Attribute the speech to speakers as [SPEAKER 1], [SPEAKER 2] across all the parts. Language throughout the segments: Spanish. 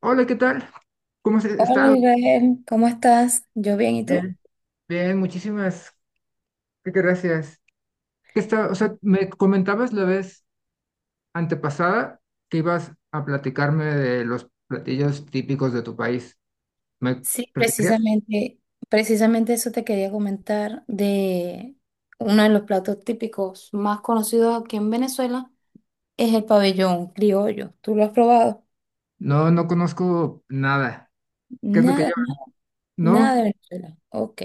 [SPEAKER 1] Hola, ¿qué tal? ¿Cómo has
[SPEAKER 2] Hola,
[SPEAKER 1] estado?
[SPEAKER 2] Isabel, ¿cómo estás? Yo bien, ¿y tú?
[SPEAKER 1] Bien, bien, muchísimas gracias. ¿Qué está, o sea, me comentabas la vez antepasada que ibas a platicarme de los platillos típicos de tu país? ¿Me
[SPEAKER 2] Sí,
[SPEAKER 1] platicarías?
[SPEAKER 2] precisamente eso te quería comentar de uno de los platos típicos más conocidos aquí en Venezuela es el pabellón criollo. ¿Tú lo has probado?
[SPEAKER 1] No, no conozco nada. ¿Qué es lo que
[SPEAKER 2] Nada,
[SPEAKER 1] lleva?
[SPEAKER 2] na- nada de
[SPEAKER 1] No,
[SPEAKER 2] Venezuela. Ok.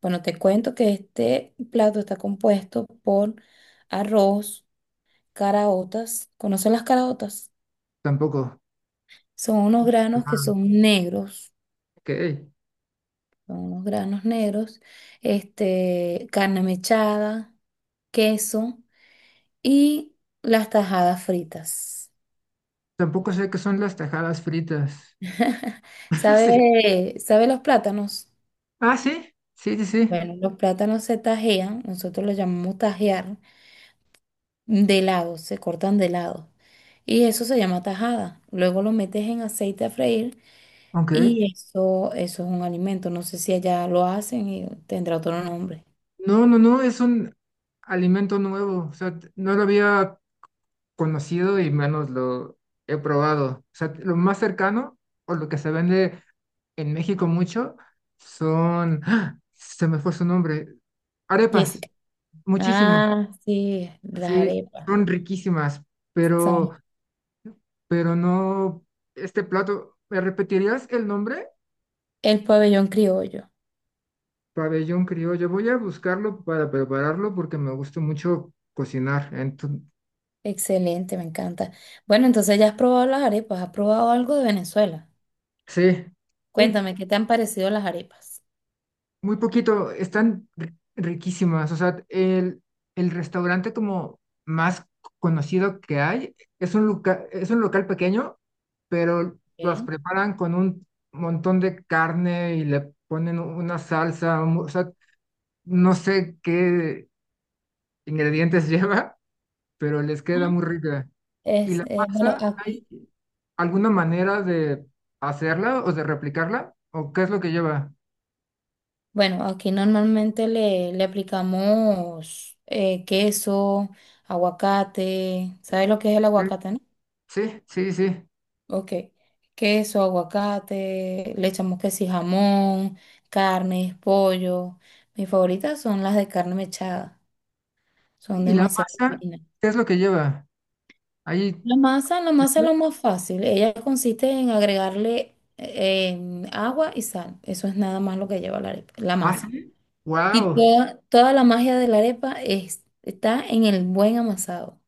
[SPEAKER 2] Bueno, te cuento que este plato está compuesto por arroz, caraotas. ¿Conoces las caraotas?
[SPEAKER 1] tampoco.
[SPEAKER 2] Son unos granos que
[SPEAKER 1] Ah,
[SPEAKER 2] son negros.
[SPEAKER 1] ok.
[SPEAKER 2] Son unos granos negros, este, carne mechada, queso y las tajadas fritas.
[SPEAKER 1] Tampoco sé qué son las tajadas fritas. Sí.
[SPEAKER 2] ¿Sabe los plátanos?
[SPEAKER 1] Ah, sí. Sí, sí, sí.
[SPEAKER 2] Bueno, los plátanos se tajean, nosotros los llamamos tajear, de lado, se cortan de lado. Y eso se llama tajada. Luego lo metes en aceite a freír
[SPEAKER 1] Ok.
[SPEAKER 2] y eso es un alimento. No sé si allá lo hacen y tendrá otro nombre.
[SPEAKER 1] No, no, no, es un alimento nuevo. O sea, no lo había conocido y menos lo he probado. O sea, lo más cercano o lo que se vende en México mucho son, ¡ah!, se me fue su nombre, arepas,
[SPEAKER 2] Jessica.
[SPEAKER 1] muchísimo.
[SPEAKER 2] Ah, sí, las
[SPEAKER 1] Sí,
[SPEAKER 2] arepas.
[SPEAKER 1] son riquísimas, pero, pero no, este plato, ¿me repetirías el nombre?
[SPEAKER 2] El pabellón criollo.
[SPEAKER 1] Pabellón criollo, voy a buscarlo para prepararlo porque me gusta mucho cocinar. Entonces,
[SPEAKER 2] Excelente, me encanta. Bueno, entonces ya has probado las arepas, has probado algo de Venezuela.
[SPEAKER 1] sí, un
[SPEAKER 2] Cuéntame, ¿qué te han parecido las arepas?
[SPEAKER 1] muy poquito, están riquísimas. O sea, el restaurante como más conocido que hay es un es un local pequeño, pero las
[SPEAKER 2] Ok.
[SPEAKER 1] preparan con un montón de carne y le ponen una salsa. O sea, no sé qué ingredientes lleva, pero les queda muy rica. Y
[SPEAKER 2] Es,
[SPEAKER 1] la
[SPEAKER 2] eh, bueno,
[SPEAKER 1] masa, ¿hay
[SPEAKER 2] aquí,
[SPEAKER 1] alguna manera de hacerla o de replicarla? ¿O qué es lo que lleva?
[SPEAKER 2] bueno, aquí normalmente le aplicamos queso, aguacate. ¿Sabes lo que es el aguacate, no?
[SPEAKER 1] Sí, sí, sí.
[SPEAKER 2] Ok. Queso, aguacate, le echamos que si jamón, carnes, pollo. Mis favoritas son las de carne mechada. Son
[SPEAKER 1] ¿Y la
[SPEAKER 2] demasiado
[SPEAKER 1] masa
[SPEAKER 2] divinas.
[SPEAKER 1] qué es lo que lleva? Ahí.
[SPEAKER 2] La masa es lo más fácil. Ella consiste en agregarle agua y sal. Eso es nada más lo que lleva la arepa, la
[SPEAKER 1] Ah,
[SPEAKER 2] masa.
[SPEAKER 1] sí.
[SPEAKER 2] Y
[SPEAKER 1] Wow.
[SPEAKER 2] toda la magia de la arepa está en el buen amasado.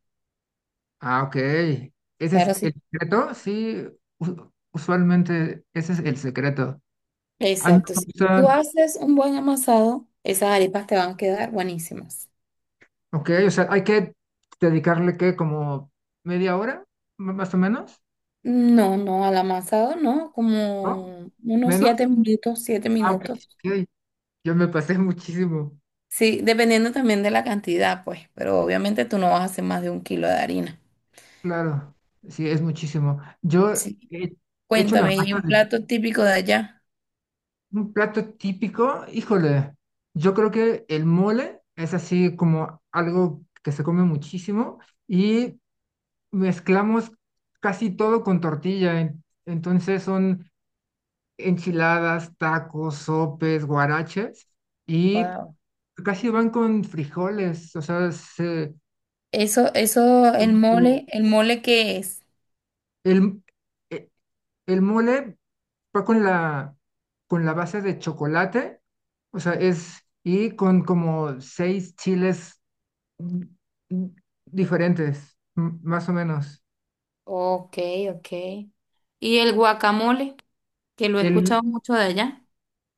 [SPEAKER 1] Ah, ok. ¿Ese es
[SPEAKER 2] Claro, sí.
[SPEAKER 1] el secreto? Sí, usualmente ese es el secreto. A mí
[SPEAKER 2] Exacto.
[SPEAKER 1] me
[SPEAKER 2] Si tú
[SPEAKER 1] gusta.
[SPEAKER 2] haces un buen amasado, esas arepas te van a quedar buenísimas.
[SPEAKER 1] Ok, o sea, hay que dedicarle que como media hora, más o menos,
[SPEAKER 2] No, no, al amasado no,
[SPEAKER 1] ¿no?
[SPEAKER 2] como unos
[SPEAKER 1] Menos.
[SPEAKER 2] siete minutos, siete
[SPEAKER 1] Ah, ok,
[SPEAKER 2] minutos.
[SPEAKER 1] ok. Yo me pasé muchísimo.
[SPEAKER 2] Sí, dependiendo también de la cantidad, pues, pero obviamente tú no vas a hacer más de 1 kilo de harina.
[SPEAKER 1] Claro, sí, es muchísimo. Yo
[SPEAKER 2] Sí.
[SPEAKER 1] he he hecho la
[SPEAKER 2] Cuéntame, ¿y
[SPEAKER 1] masa.
[SPEAKER 2] un plato típico de allá?
[SPEAKER 1] Un plato típico, híjole, yo creo que el mole es así como algo que se come muchísimo, y mezclamos casi todo con tortilla. Entonces son enchiladas, tacos, sopes, guaraches y
[SPEAKER 2] Wow.
[SPEAKER 1] casi van con frijoles. O sea,
[SPEAKER 2] ¿El mole qué es?
[SPEAKER 1] el, e- el mole va con la base de chocolate, o sea, es, y con como seis chiles mm, mm, diferentes, más o menos.
[SPEAKER 2] Ok, ok. Y el guacamole, que lo he escuchado
[SPEAKER 1] El,
[SPEAKER 2] mucho de allá.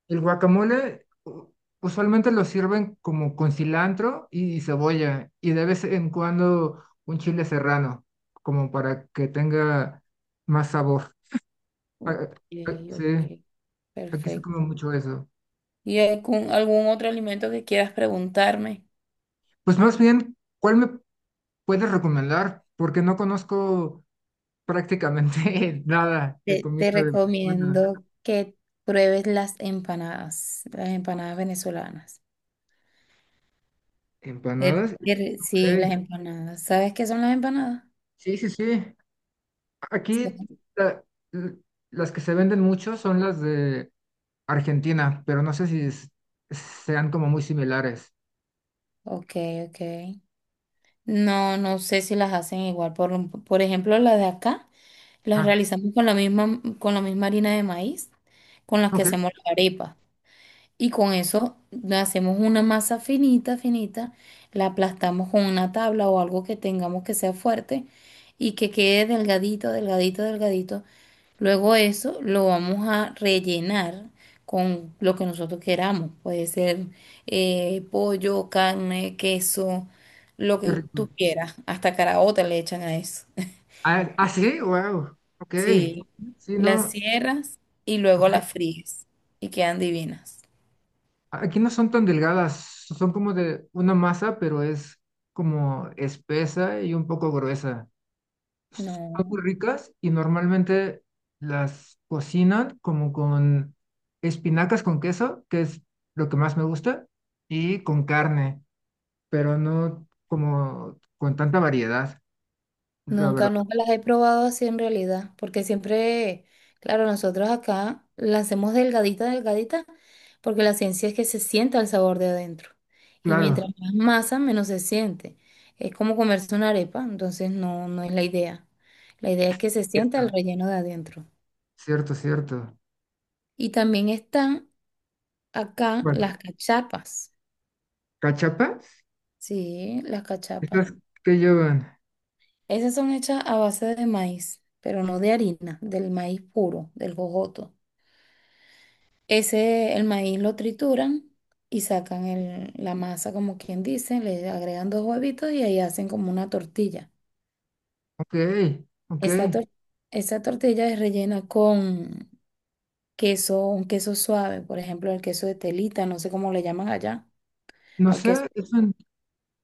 [SPEAKER 1] el guacamole usualmente lo sirven como con cilantro y cebolla y de vez en cuando un chile serrano, como para que tenga más sabor.
[SPEAKER 2] Ok,
[SPEAKER 1] Ah, ah, sí,
[SPEAKER 2] ok.
[SPEAKER 1] aquí se come
[SPEAKER 2] Perfecto.
[SPEAKER 1] mucho eso.
[SPEAKER 2] ¿Y algún otro alimento que quieras preguntarme?
[SPEAKER 1] Pues más bien, ¿cuál me puedes recomendar? Porque no conozco prácticamente nada de
[SPEAKER 2] Te,
[SPEAKER 1] comida
[SPEAKER 2] te
[SPEAKER 1] de Venezuela.
[SPEAKER 2] recomiendo que pruebes las empanadas venezolanas.
[SPEAKER 1] Empanadas,
[SPEAKER 2] Sí, las
[SPEAKER 1] ok.
[SPEAKER 2] empanadas. ¿Sabes qué son las empanadas?
[SPEAKER 1] Sí, sí, sí. Aquí
[SPEAKER 2] Sí.
[SPEAKER 1] la- l- las que se venden mucho son las de Argentina, pero no sé si sean como muy similares.
[SPEAKER 2] Ok, ok. No, no sé si las hacen igual. Por, por ejemplo, las de acá las
[SPEAKER 1] Ah,
[SPEAKER 2] realizamos con la misma harina de maíz con las que
[SPEAKER 1] ok,
[SPEAKER 2] hacemos la arepa. Y con eso hacemos una masa finita, finita, la aplastamos con una tabla o algo que tengamos que sea fuerte y que quede delgadito, delgadito, delgadito. Luego eso lo vamos a rellenar con lo que nosotros queramos. Puede ser pollo, carne, queso, lo
[SPEAKER 1] qué
[SPEAKER 2] que tú
[SPEAKER 1] rico.
[SPEAKER 2] quieras. Hasta caraota le echan a eso.
[SPEAKER 1] Ah, ah, sí, wow, ok.
[SPEAKER 2] Sí,
[SPEAKER 1] Sí,
[SPEAKER 2] las
[SPEAKER 1] no,
[SPEAKER 2] cierras y luego
[SPEAKER 1] ok.
[SPEAKER 2] las fríes y quedan divinas.
[SPEAKER 1] Aquí no son tan delgadas, son como de una masa, pero es como espesa y un poco gruesa. Son muy
[SPEAKER 2] No.
[SPEAKER 1] ricas y normalmente las cocinan como con espinacas con queso, que es lo que más me gusta, y con carne, pero no como con tanta variedad, la verdad.
[SPEAKER 2] Nunca, nunca las he probado así en realidad, porque siempre, claro, nosotros acá las hacemos delgadita, delgadita, porque la ciencia es que se sienta el sabor de adentro. Y
[SPEAKER 1] Claro,
[SPEAKER 2] mientras más masa, menos se siente. Es como comerse una arepa, entonces no, no es la idea. La idea es que se sienta el
[SPEAKER 1] cierto,
[SPEAKER 2] relleno de adentro.
[SPEAKER 1] cierto, cierto.
[SPEAKER 2] Y también están acá
[SPEAKER 1] Bueno,
[SPEAKER 2] las cachapas.
[SPEAKER 1] cachapas,
[SPEAKER 2] Sí, las cachapas.
[SPEAKER 1] estas que llevan.
[SPEAKER 2] Esas son hechas a base de maíz, pero no de harina, del maíz puro, del jojoto. Ese, el maíz lo trituran y sacan la masa, como quien dice, le agregan dos huevitos y ahí hacen como una tortilla.
[SPEAKER 1] Ok, ok.
[SPEAKER 2] Esa, tor- esa tortilla es rellena con queso, un queso suave, por ejemplo, el queso de telita, no sé cómo le llaman allá,
[SPEAKER 1] No
[SPEAKER 2] al queso.
[SPEAKER 1] sé, eso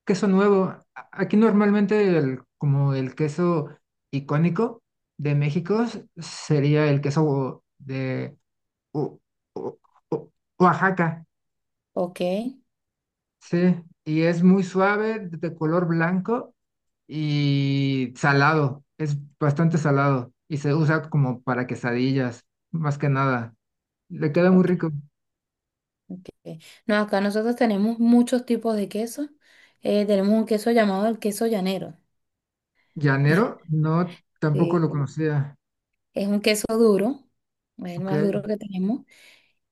[SPEAKER 1] queso nuevo. Aquí normalmente el, como el queso icónico de México sería el queso de O- O- O- Oaxaca,
[SPEAKER 2] Ok,
[SPEAKER 1] sí, y es muy suave, de color blanco y salado, es bastante salado y se usa como para quesadillas, más que nada. Le queda muy
[SPEAKER 2] ok.
[SPEAKER 1] rico.
[SPEAKER 2] No, acá nosotros tenemos muchos tipos de queso. Tenemos un queso llamado el queso llanero.
[SPEAKER 1] Llanero, no, tampoco
[SPEAKER 2] Sí.
[SPEAKER 1] lo conocía.
[SPEAKER 2] Es un queso duro, es el
[SPEAKER 1] Ok,
[SPEAKER 2] más duro que tenemos.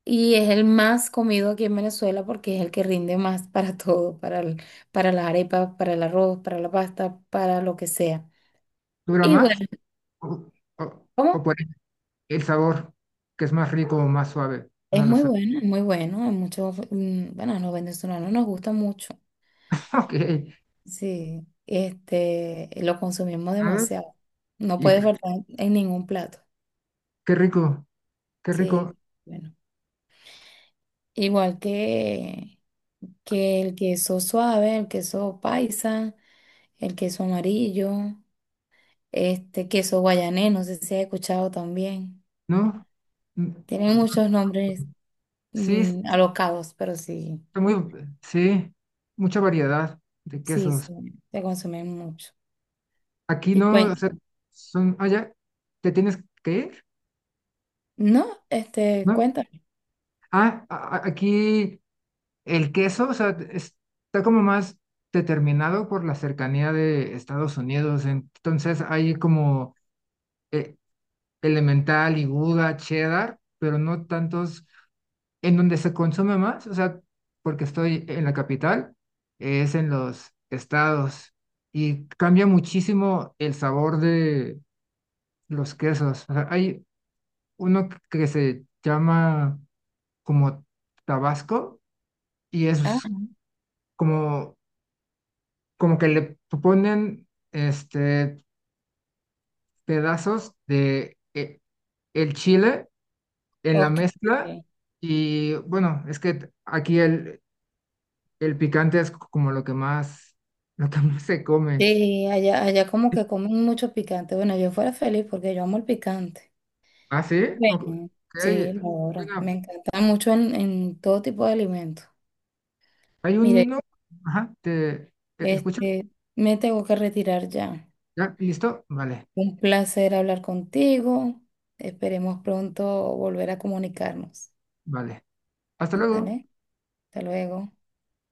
[SPEAKER 2] Y es el más comido aquí en Venezuela porque es el que rinde más para todo, para para las arepas, para el arroz, para la pasta, para lo que sea.
[SPEAKER 1] ¿dura
[SPEAKER 2] Y bueno,
[SPEAKER 1] más? ¿O, o, o
[SPEAKER 2] ¿cómo?
[SPEAKER 1] por el sabor, que es más rico o más suave,
[SPEAKER 2] Es
[SPEAKER 1] no lo
[SPEAKER 2] muy
[SPEAKER 1] sé.
[SPEAKER 2] bueno, es muy bueno. Hay mucho, bueno, a los venezolanos nos gusta mucho.
[SPEAKER 1] Ok,
[SPEAKER 2] Sí, este, lo consumimos
[SPEAKER 1] ¿sabes?
[SPEAKER 2] demasiado. No
[SPEAKER 1] Y
[SPEAKER 2] puede
[SPEAKER 1] qué,
[SPEAKER 2] faltar en ningún plato.
[SPEAKER 1] qué rico, qué
[SPEAKER 2] Sí,
[SPEAKER 1] rico,
[SPEAKER 2] bueno. Igual que el queso suave, el queso paisa, el queso amarillo. Este queso guayanés, no sé si has escuchado también.
[SPEAKER 1] ¿no? Mm,
[SPEAKER 2] Tienen
[SPEAKER 1] mm,
[SPEAKER 2] muchos nombres
[SPEAKER 1] sí,
[SPEAKER 2] alocados, pero sí,
[SPEAKER 1] está muy, sí, mucha variedad de
[SPEAKER 2] sí, sí,
[SPEAKER 1] quesos.
[SPEAKER 2] se consumen mucho.
[SPEAKER 1] Aquí
[SPEAKER 2] Y
[SPEAKER 1] no, o sea, son, allá, te tienes que ir,
[SPEAKER 2] no, este,
[SPEAKER 1] ¿no?
[SPEAKER 2] cuéntame.
[SPEAKER 1] Ah, aquí el queso, o sea, está como más determinado por la cercanía de Estados Unidos, entonces hay como... eh, Elemental y Gouda, Cheddar, pero no tantos. En donde se consume más, o sea, porque estoy en la capital, es en los estados, y cambia muchísimo el sabor de los quesos. O sea, hay uno que se llama como Tabasco y
[SPEAKER 2] Ah,
[SPEAKER 1] es como, como que le ponen este pedazos de el chile en la
[SPEAKER 2] ok.
[SPEAKER 1] mezcla
[SPEAKER 2] Ok.
[SPEAKER 1] y bueno, es que aquí el picante es como lo que más, lo que más se come.
[SPEAKER 2] Sí, allá, allá como que comen mucho picante. Bueno, yo fuera feliz porque yo amo el picante.
[SPEAKER 1] ¿Ah, sí? Ok.
[SPEAKER 2] Bueno,
[SPEAKER 1] Hay
[SPEAKER 2] sí, lo adoro. Me
[SPEAKER 1] una-
[SPEAKER 2] encanta mucho en todo tipo de alimentos.
[SPEAKER 1] hay
[SPEAKER 2] Mire,
[SPEAKER 1] uno. Ajá, ¿te, te escucho?
[SPEAKER 2] este, me tengo que retirar ya.
[SPEAKER 1] ¿Ya? ¿Listo? Vale,
[SPEAKER 2] Un placer hablar contigo. Esperemos pronto volver a comunicarnos.
[SPEAKER 1] vale. Hasta luego.
[SPEAKER 2] ¿Vale? Hasta luego.